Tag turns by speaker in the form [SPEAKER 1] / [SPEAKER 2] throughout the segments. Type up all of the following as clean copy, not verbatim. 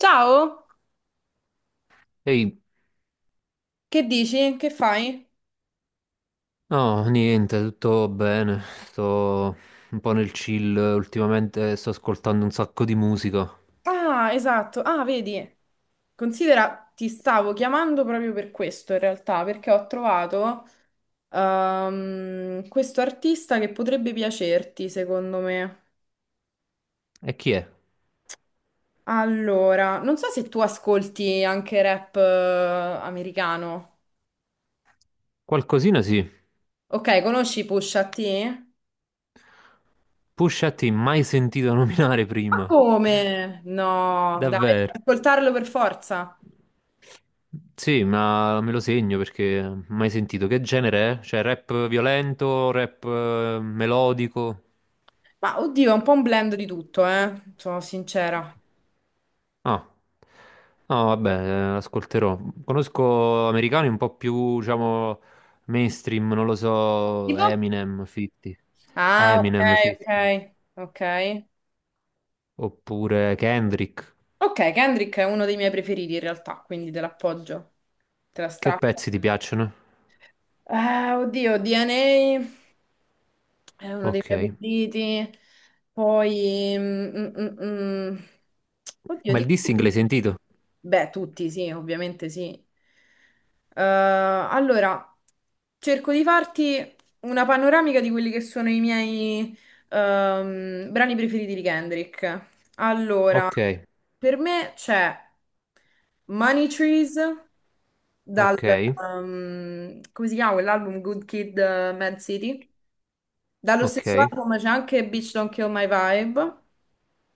[SPEAKER 1] Ciao,
[SPEAKER 2] Ehi,
[SPEAKER 1] che dici? Che fai?
[SPEAKER 2] no, niente, tutto bene. Sto un po' nel chill ultimamente, sto ascoltando un sacco di musica.
[SPEAKER 1] Ah, esatto. Ah, vedi, considera, ti stavo chiamando proprio per questo in realtà, perché ho trovato questo artista che potrebbe piacerti, secondo me.
[SPEAKER 2] E chi è?
[SPEAKER 1] Allora, non so se tu ascolti anche rap americano.
[SPEAKER 2] Qualcosina sì.
[SPEAKER 1] Ok, conosci Pusha T?
[SPEAKER 2] Pusha T, mai sentito nominare
[SPEAKER 1] Ma
[SPEAKER 2] prima.
[SPEAKER 1] come? No, dai, devi
[SPEAKER 2] Davvero.
[SPEAKER 1] ascoltarlo per forza.
[SPEAKER 2] Sì, ma me lo segno perché mai sentito. Che genere è? Cioè, rap violento, rap melodico?
[SPEAKER 1] Ma oddio, è un po' un blend di tutto, sono sincera.
[SPEAKER 2] Ah, no, vabbè, ascolterò. Conosco americani un po' più, diciamo, mainstream, non lo so,
[SPEAKER 1] Tipo?
[SPEAKER 2] Eminem, 50,
[SPEAKER 1] Ah, ok,
[SPEAKER 2] Eminem, 50,
[SPEAKER 1] ok, ok.
[SPEAKER 2] oppure Kendrick.
[SPEAKER 1] Ok, Kendrick è uno dei miei preferiti in realtà, quindi te l'appoggio, te la
[SPEAKER 2] Che
[SPEAKER 1] strappo.
[SPEAKER 2] pezzi ti piacciono?
[SPEAKER 1] Ah, oddio, DNA è uno dei miei
[SPEAKER 2] Ok.
[SPEAKER 1] preferiti. Poi, mm, mm, mm, mm. Oddio,
[SPEAKER 2] Ma il
[SPEAKER 1] di
[SPEAKER 2] dissing l'hai
[SPEAKER 1] cui?
[SPEAKER 2] sentito?
[SPEAKER 1] Beh, tutti sì, ovviamente sì. Eh, allora, Cerco di farti una panoramica di quelli che sono i miei brani preferiti di Kendrick. Allora,
[SPEAKER 2] Ok,
[SPEAKER 1] per me c'è Money Trees dal,
[SPEAKER 2] ok,
[SPEAKER 1] come si chiama quell'album? Good Kid, Mad City. Dallo stesso
[SPEAKER 2] ok.
[SPEAKER 1] album c'è anche Bitch Don't Kill My Vibe.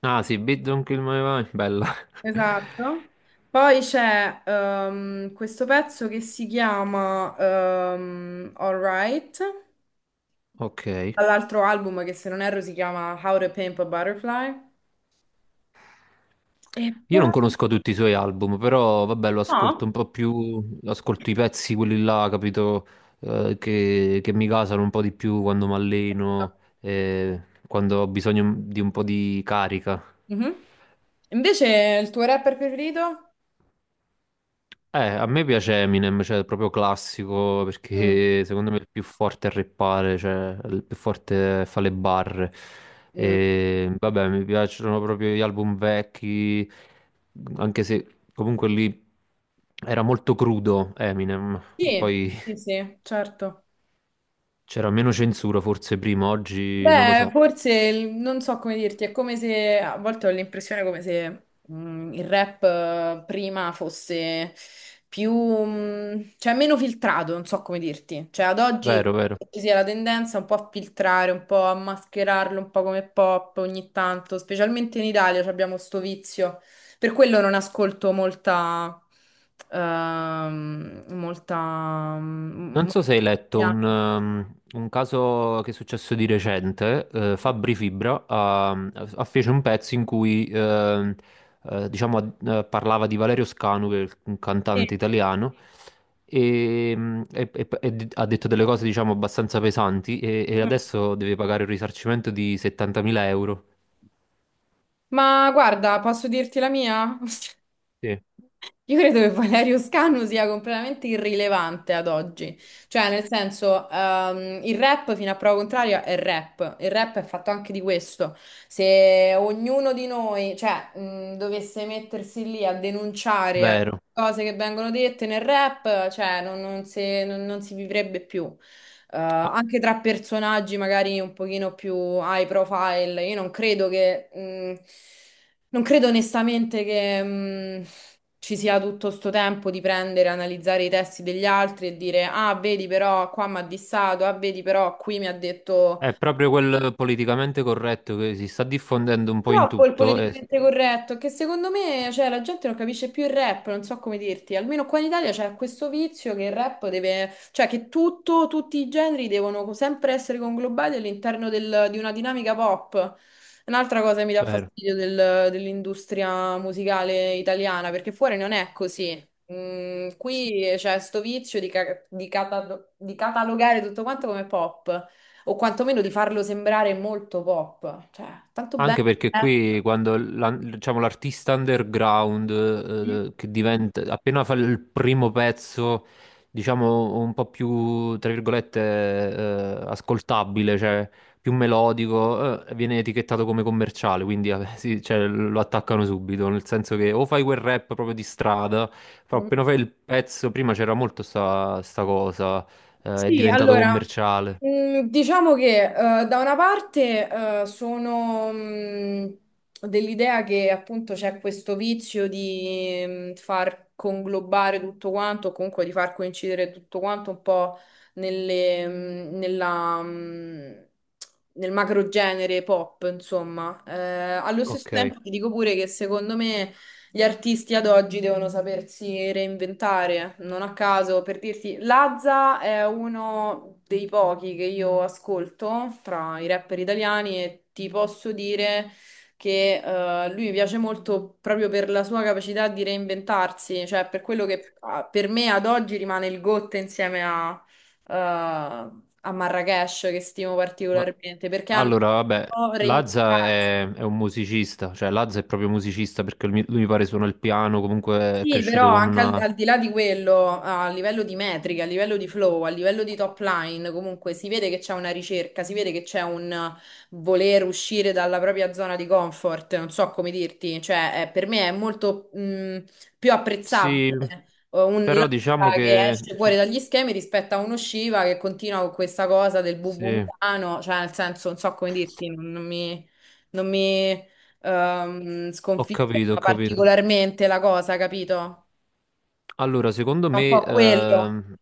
[SPEAKER 2] Ah sì, Beat Don't Kill My Vibe, bella.
[SPEAKER 1] Esatto. Poi c'è questo pezzo che si chiama Alright.
[SPEAKER 2] Ok.
[SPEAKER 1] Dall'altro album che se non erro si chiama How to Pimp a Butterfly. E
[SPEAKER 2] Io
[SPEAKER 1] poi...
[SPEAKER 2] non conosco tutti i suoi album, però vabbè, lo
[SPEAKER 1] No.
[SPEAKER 2] ascolto un po' più, ascolto i pezzi, quelli là, capito, che mi gasano un po' di più quando mi alleno, eh, quando ho bisogno di un po' di carica.
[SPEAKER 1] Mhm. Invece il tuo rapper preferito?
[SPEAKER 2] A me piace Eminem, cioè proprio classico,
[SPEAKER 1] Mm.
[SPEAKER 2] perché secondo me è il più forte a rappare, cioè il più forte fa le barre.
[SPEAKER 1] Mm.
[SPEAKER 2] E, vabbè, mi piacciono proprio gli album vecchi, anche se comunque lì era molto crudo Eminem,
[SPEAKER 1] Sì,
[SPEAKER 2] poi
[SPEAKER 1] sì, sì, certo.
[SPEAKER 2] c'era meno censura forse prima, oggi non lo
[SPEAKER 1] Beh,
[SPEAKER 2] so.
[SPEAKER 1] forse non so come dirti, è come se a volte ho l'impressione come se il rap prima fosse più, cioè meno filtrato, non so come dirti. Cioè ad oggi
[SPEAKER 2] Vero, vero.
[SPEAKER 1] ci sia la tendenza un po' a filtrare, un po' a mascherarlo un po' come pop ogni tanto, specialmente in Italia ci abbiamo sto vizio. Per quello non ascolto molta ehm, molta mm,
[SPEAKER 2] Non
[SPEAKER 1] mo-
[SPEAKER 2] so se hai letto
[SPEAKER 1] Yeah.
[SPEAKER 2] un caso che è successo di recente, Fabri Fibra ha fece un pezzo in cui diciamo, parlava di Valerio Scanu, che è un cantante
[SPEAKER 1] Sì.
[SPEAKER 2] italiano, e ha detto delle cose diciamo, abbastanza pesanti e
[SPEAKER 1] Mm.
[SPEAKER 2] adesso deve pagare un risarcimento di 70.000 euro.
[SPEAKER 1] Ma guarda, posso dirti la mia?
[SPEAKER 2] Sì.
[SPEAKER 1] Io credo che Valerio Scanu sia completamente irrilevante ad oggi, cioè nel senso il rap fino a prova contraria è rap, il rap è fatto anche di questo, se ognuno di noi cioè, dovesse mettersi lì a denunciare
[SPEAKER 2] Vero.
[SPEAKER 1] cose che vengono dette nel rap, cioè non si vivrebbe più.
[SPEAKER 2] Ah,
[SPEAKER 1] Anche tra personaggi magari un pochino più high profile, io non credo che, non credo onestamente che, ci sia tutto sto tempo di prendere, analizzare i testi degli altri e dire, ah, vedi però qua mi ha dissato, ah, vedi però qui mi ha detto.
[SPEAKER 2] è proprio quel politicamente corretto che si sta diffondendo un po' in
[SPEAKER 1] Troppo il
[SPEAKER 2] tutto.
[SPEAKER 1] politicamente corretto, che secondo me, cioè, la gente non capisce più il rap, non so come dirti. Almeno qua in Italia c'è questo vizio che il rap deve, cioè che tutto, tutti i generi devono sempre essere conglobati all'interno di una dinamica pop. Un'altra cosa che mi dà
[SPEAKER 2] Vero.
[SPEAKER 1] fastidio dell'industria musicale italiana, perché fuori non è così. Qui c'è sto vizio di, di catalogare tutto quanto come pop, o quantomeno di farlo sembrare molto pop. Cioè, tanto
[SPEAKER 2] Anche
[SPEAKER 1] bello.
[SPEAKER 2] perché
[SPEAKER 1] Eh.
[SPEAKER 2] qui quando diciamo, l'artista underground che diventa appena fa il primo pezzo, diciamo un po' più tra virgolette ascoltabile, cioè più melodico, viene etichettato come commerciale, quindi sì, cioè, lo attaccano subito, nel senso che o fai quel rap proprio di strada, però
[SPEAKER 1] Mm.
[SPEAKER 2] appena fai il pezzo, prima c'era molto sta cosa, è
[SPEAKER 1] Sì,
[SPEAKER 2] diventato
[SPEAKER 1] allora,
[SPEAKER 2] commerciale.
[SPEAKER 1] diciamo che da una parte sono dell'idea che appunto c'è questo vizio di far conglobare tutto quanto, o comunque di far coincidere tutto quanto un po' nelle, mm, nella, mm, nel macro genere pop, insomma. Allo stesso
[SPEAKER 2] Ok,
[SPEAKER 1] tempo ti dico pure che secondo me gli artisti ad oggi devono sapersi reinventare, non a caso, per dirti, Lazza è uno dei pochi che io ascolto tra i rapper italiani e ti posso dire che lui mi piace molto proprio per la sua capacità di reinventarsi, cioè per quello che per me ad oggi rimane il GOT insieme a Marrakesh, che stimo
[SPEAKER 2] ma
[SPEAKER 1] particolarmente, perché hanno
[SPEAKER 2] allora, vabbè,
[SPEAKER 1] saputo
[SPEAKER 2] Lazza
[SPEAKER 1] reinventarsi.
[SPEAKER 2] è un musicista, cioè Lazza è proprio musicista perché lui mi pare suona il piano, comunque è
[SPEAKER 1] Sì, però
[SPEAKER 2] cresciuto con
[SPEAKER 1] anche al,
[SPEAKER 2] una.
[SPEAKER 1] al di là di quello, a livello di metriche, a livello di flow, a livello di top line, comunque si vede che c'è una ricerca, si vede che c'è un voler uscire dalla propria zona di comfort, non so come dirti, cioè per me è molto più
[SPEAKER 2] Sì,
[SPEAKER 1] apprezzabile un
[SPEAKER 2] però
[SPEAKER 1] Lazza
[SPEAKER 2] diciamo
[SPEAKER 1] che
[SPEAKER 2] che...
[SPEAKER 1] esce fuori
[SPEAKER 2] ci- ci-
[SPEAKER 1] dagli schemi rispetto a uno Shiva che continua con questa cosa del bubu
[SPEAKER 2] Sì,
[SPEAKER 1] milano, cioè nel senso, non so come dirti, non mi... Non mi
[SPEAKER 2] ho capito, ho
[SPEAKER 1] sconfiggerla
[SPEAKER 2] capito.
[SPEAKER 1] particolarmente la cosa, capito?
[SPEAKER 2] Allora, secondo
[SPEAKER 1] È un
[SPEAKER 2] me
[SPEAKER 1] po' quello.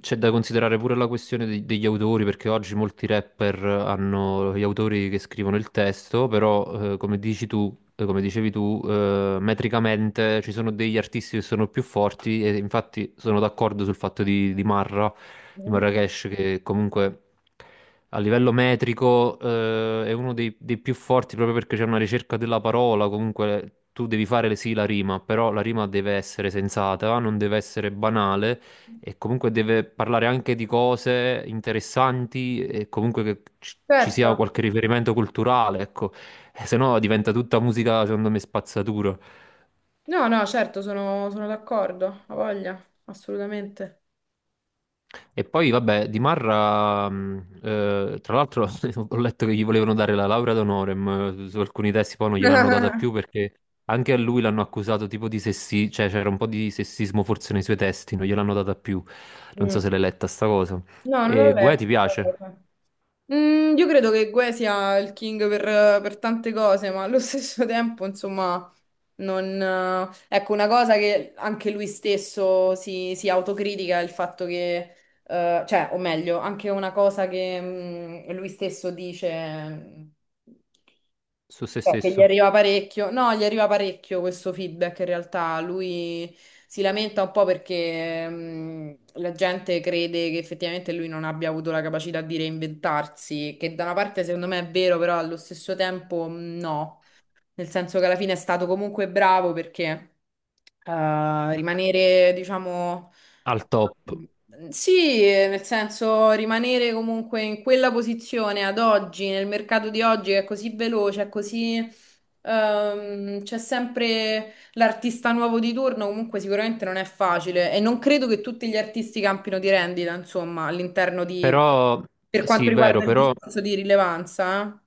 [SPEAKER 2] c'è da considerare pure la questione degli autori, perché oggi molti rapper hanno gli autori che scrivono il testo, però come dici tu, come dicevi tu, metricamente ci sono degli artisti che sono più forti e infatti sono d'accordo sul fatto di
[SPEAKER 1] Mm.
[SPEAKER 2] Marracash, che comunque a livello metrico, è uno dei più forti proprio perché c'è una ricerca della parola. Comunque tu devi fare sì la rima, però la rima deve essere sensata, non deve essere banale e comunque deve parlare anche di cose interessanti e comunque che ci sia
[SPEAKER 1] Certo.
[SPEAKER 2] qualche riferimento culturale, ecco. Se no diventa tutta musica, secondo me, spazzatura.
[SPEAKER 1] No, no, certo, sono d'accordo, ho voglia, assolutamente.
[SPEAKER 2] E poi, vabbè, di Marra, tra l'altro, ho letto che gli volevano dare la laurea d'onore, ma su alcuni testi poi non gliel'hanno data più perché anche a lui l'hanno accusato tipo di sessismo, cioè c'era un po' di sessismo forse nei suoi testi, non gliel'hanno data più. Non so
[SPEAKER 1] Mm.
[SPEAKER 2] se l'hai letta sta cosa.
[SPEAKER 1] No, non l'ho
[SPEAKER 2] E Guè
[SPEAKER 1] letto
[SPEAKER 2] ti
[SPEAKER 1] questa
[SPEAKER 2] piace?
[SPEAKER 1] cosa. Io credo che Gue sia il king per tante cose, ma allo stesso tempo, insomma, non... ecco, una cosa che anche lui stesso si autocritica è il fatto che, cioè, o meglio, anche una cosa che lui stesso dice...
[SPEAKER 2] Su se
[SPEAKER 1] Che gli
[SPEAKER 2] stesso?
[SPEAKER 1] arriva parecchio, no, gli arriva parecchio questo feedback. In realtà lui si lamenta un po' perché, la gente crede che effettivamente lui non abbia avuto la capacità di reinventarsi, che da una parte secondo me è vero, però allo stesso tempo no, nel senso che alla fine è stato comunque bravo perché rimanere, diciamo,
[SPEAKER 2] Al top.
[SPEAKER 1] sì, nel senso rimanere comunque in quella posizione ad oggi, nel mercato di oggi che è così veloce, è c'è sempre l'artista nuovo di turno, comunque sicuramente non è facile e non credo che tutti gli artisti campino di rendita, insomma, all'interno di,
[SPEAKER 2] Però,
[SPEAKER 1] per quanto
[SPEAKER 2] sì, vero,
[SPEAKER 1] riguarda il
[SPEAKER 2] però
[SPEAKER 1] discorso di rilevanza.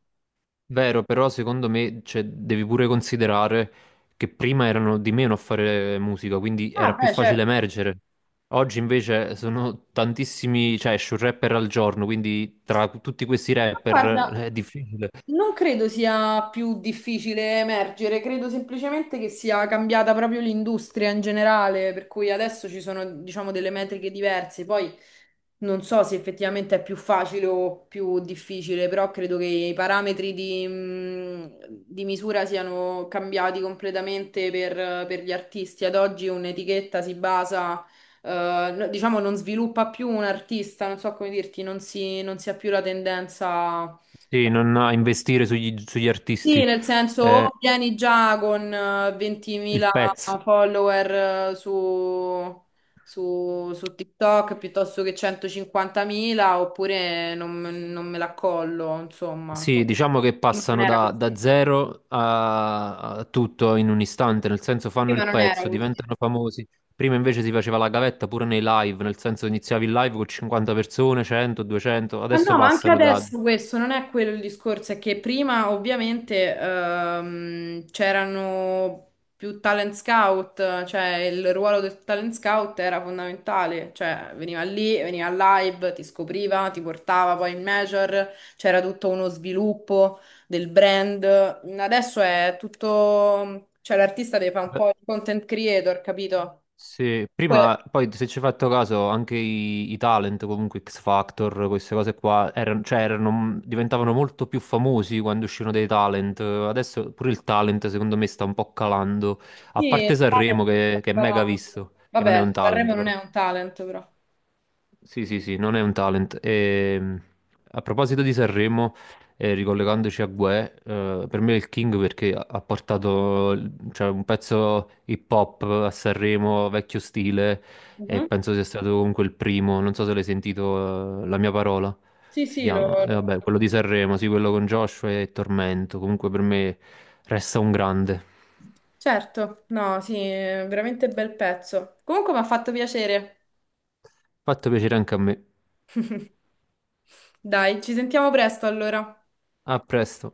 [SPEAKER 2] vero, però secondo me, cioè, devi pure considerare che prima erano di meno a fare musica, quindi era
[SPEAKER 1] Ah,
[SPEAKER 2] più
[SPEAKER 1] beh,
[SPEAKER 2] facile
[SPEAKER 1] certo.
[SPEAKER 2] emergere. Oggi invece sono tantissimi, cioè esce un rapper al giorno, quindi tra tutti questi
[SPEAKER 1] Ma
[SPEAKER 2] rapper
[SPEAKER 1] guarda,
[SPEAKER 2] è difficile.
[SPEAKER 1] non credo sia più difficile emergere, credo semplicemente che sia cambiata proprio l'industria in generale, per cui adesso ci sono, diciamo, delle metriche diverse. Poi non so se effettivamente è più facile o più difficile, però credo che i parametri di misura siano cambiati completamente per gli artisti. Ad oggi un'etichetta si basa, diciamo, non sviluppa più un artista, non so come dirti, non si ha più la tendenza.
[SPEAKER 2] Sì, non ha investire sugli
[SPEAKER 1] Sì,
[SPEAKER 2] artisti,
[SPEAKER 1] nel senso, o vieni già con
[SPEAKER 2] il
[SPEAKER 1] 20.000
[SPEAKER 2] pezzo.
[SPEAKER 1] follower su, su TikTok piuttosto che 150.000, oppure non me la collo, insomma.
[SPEAKER 2] Sì, diciamo che
[SPEAKER 1] Prima non
[SPEAKER 2] passano
[SPEAKER 1] era
[SPEAKER 2] da
[SPEAKER 1] così.
[SPEAKER 2] zero a tutto in un istante, nel senso fanno
[SPEAKER 1] Prima
[SPEAKER 2] il
[SPEAKER 1] non era
[SPEAKER 2] pezzo,
[SPEAKER 1] così.
[SPEAKER 2] diventano famosi. Prima invece si faceva la gavetta pure nei live, nel senso iniziavi il live con 50 persone, 100, 200,
[SPEAKER 1] Ma
[SPEAKER 2] adesso
[SPEAKER 1] no, ma anche
[SPEAKER 2] passano da.
[SPEAKER 1] adesso questo non è quello il discorso, è che prima ovviamente c'erano più talent scout, cioè il ruolo del talent scout era fondamentale, cioè veniva lì, veniva al live, ti scopriva, ti portava poi in major, c'era tutto uno sviluppo del brand. Adesso è tutto, cioè l'artista deve fare un po' il content creator, capito?
[SPEAKER 2] Sì,
[SPEAKER 1] Que-
[SPEAKER 2] prima, poi se ci hai fatto caso, anche i talent, comunque X Factor, queste cose qua, erano, cioè, diventavano molto più famosi quando uscivano dei talent. Adesso pure il talent, secondo me, sta un po' calando. A
[SPEAKER 1] sì,
[SPEAKER 2] parte
[SPEAKER 1] il
[SPEAKER 2] Sanremo,
[SPEAKER 1] talent-
[SPEAKER 2] che è mega visto, che non è
[SPEAKER 1] vabbè,
[SPEAKER 2] un talent,
[SPEAKER 1] Sanremo non è
[SPEAKER 2] però.
[SPEAKER 1] un talent però.
[SPEAKER 2] Sì, sì, sì, non è un talent. A proposito di Sanremo, ricollegandoci a Guè, per me è il King perché ha portato cioè, un pezzo hip hop a Sanremo, vecchio stile, e
[SPEAKER 1] Mhm.
[SPEAKER 2] penso sia stato comunque il primo. Non so se l'hai sentito, La mia parola
[SPEAKER 1] Sì,
[SPEAKER 2] si
[SPEAKER 1] sì, lo...
[SPEAKER 2] chiama. E vabbè,
[SPEAKER 1] lo-
[SPEAKER 2] quello di Sanremo, sì, quello con Joshua e Tormento. Comunque per me resta un grande.
[SPEAKER 1] Certo, no, sì, è veramente bel pezzo. Comunque mi ha fatto piacere.
[SPEAKER 2] Fatto piacere anche a me.
[SPEAKER 1] Dai, ci sentiamo presto allora.
[SPEAKER 2] A presto.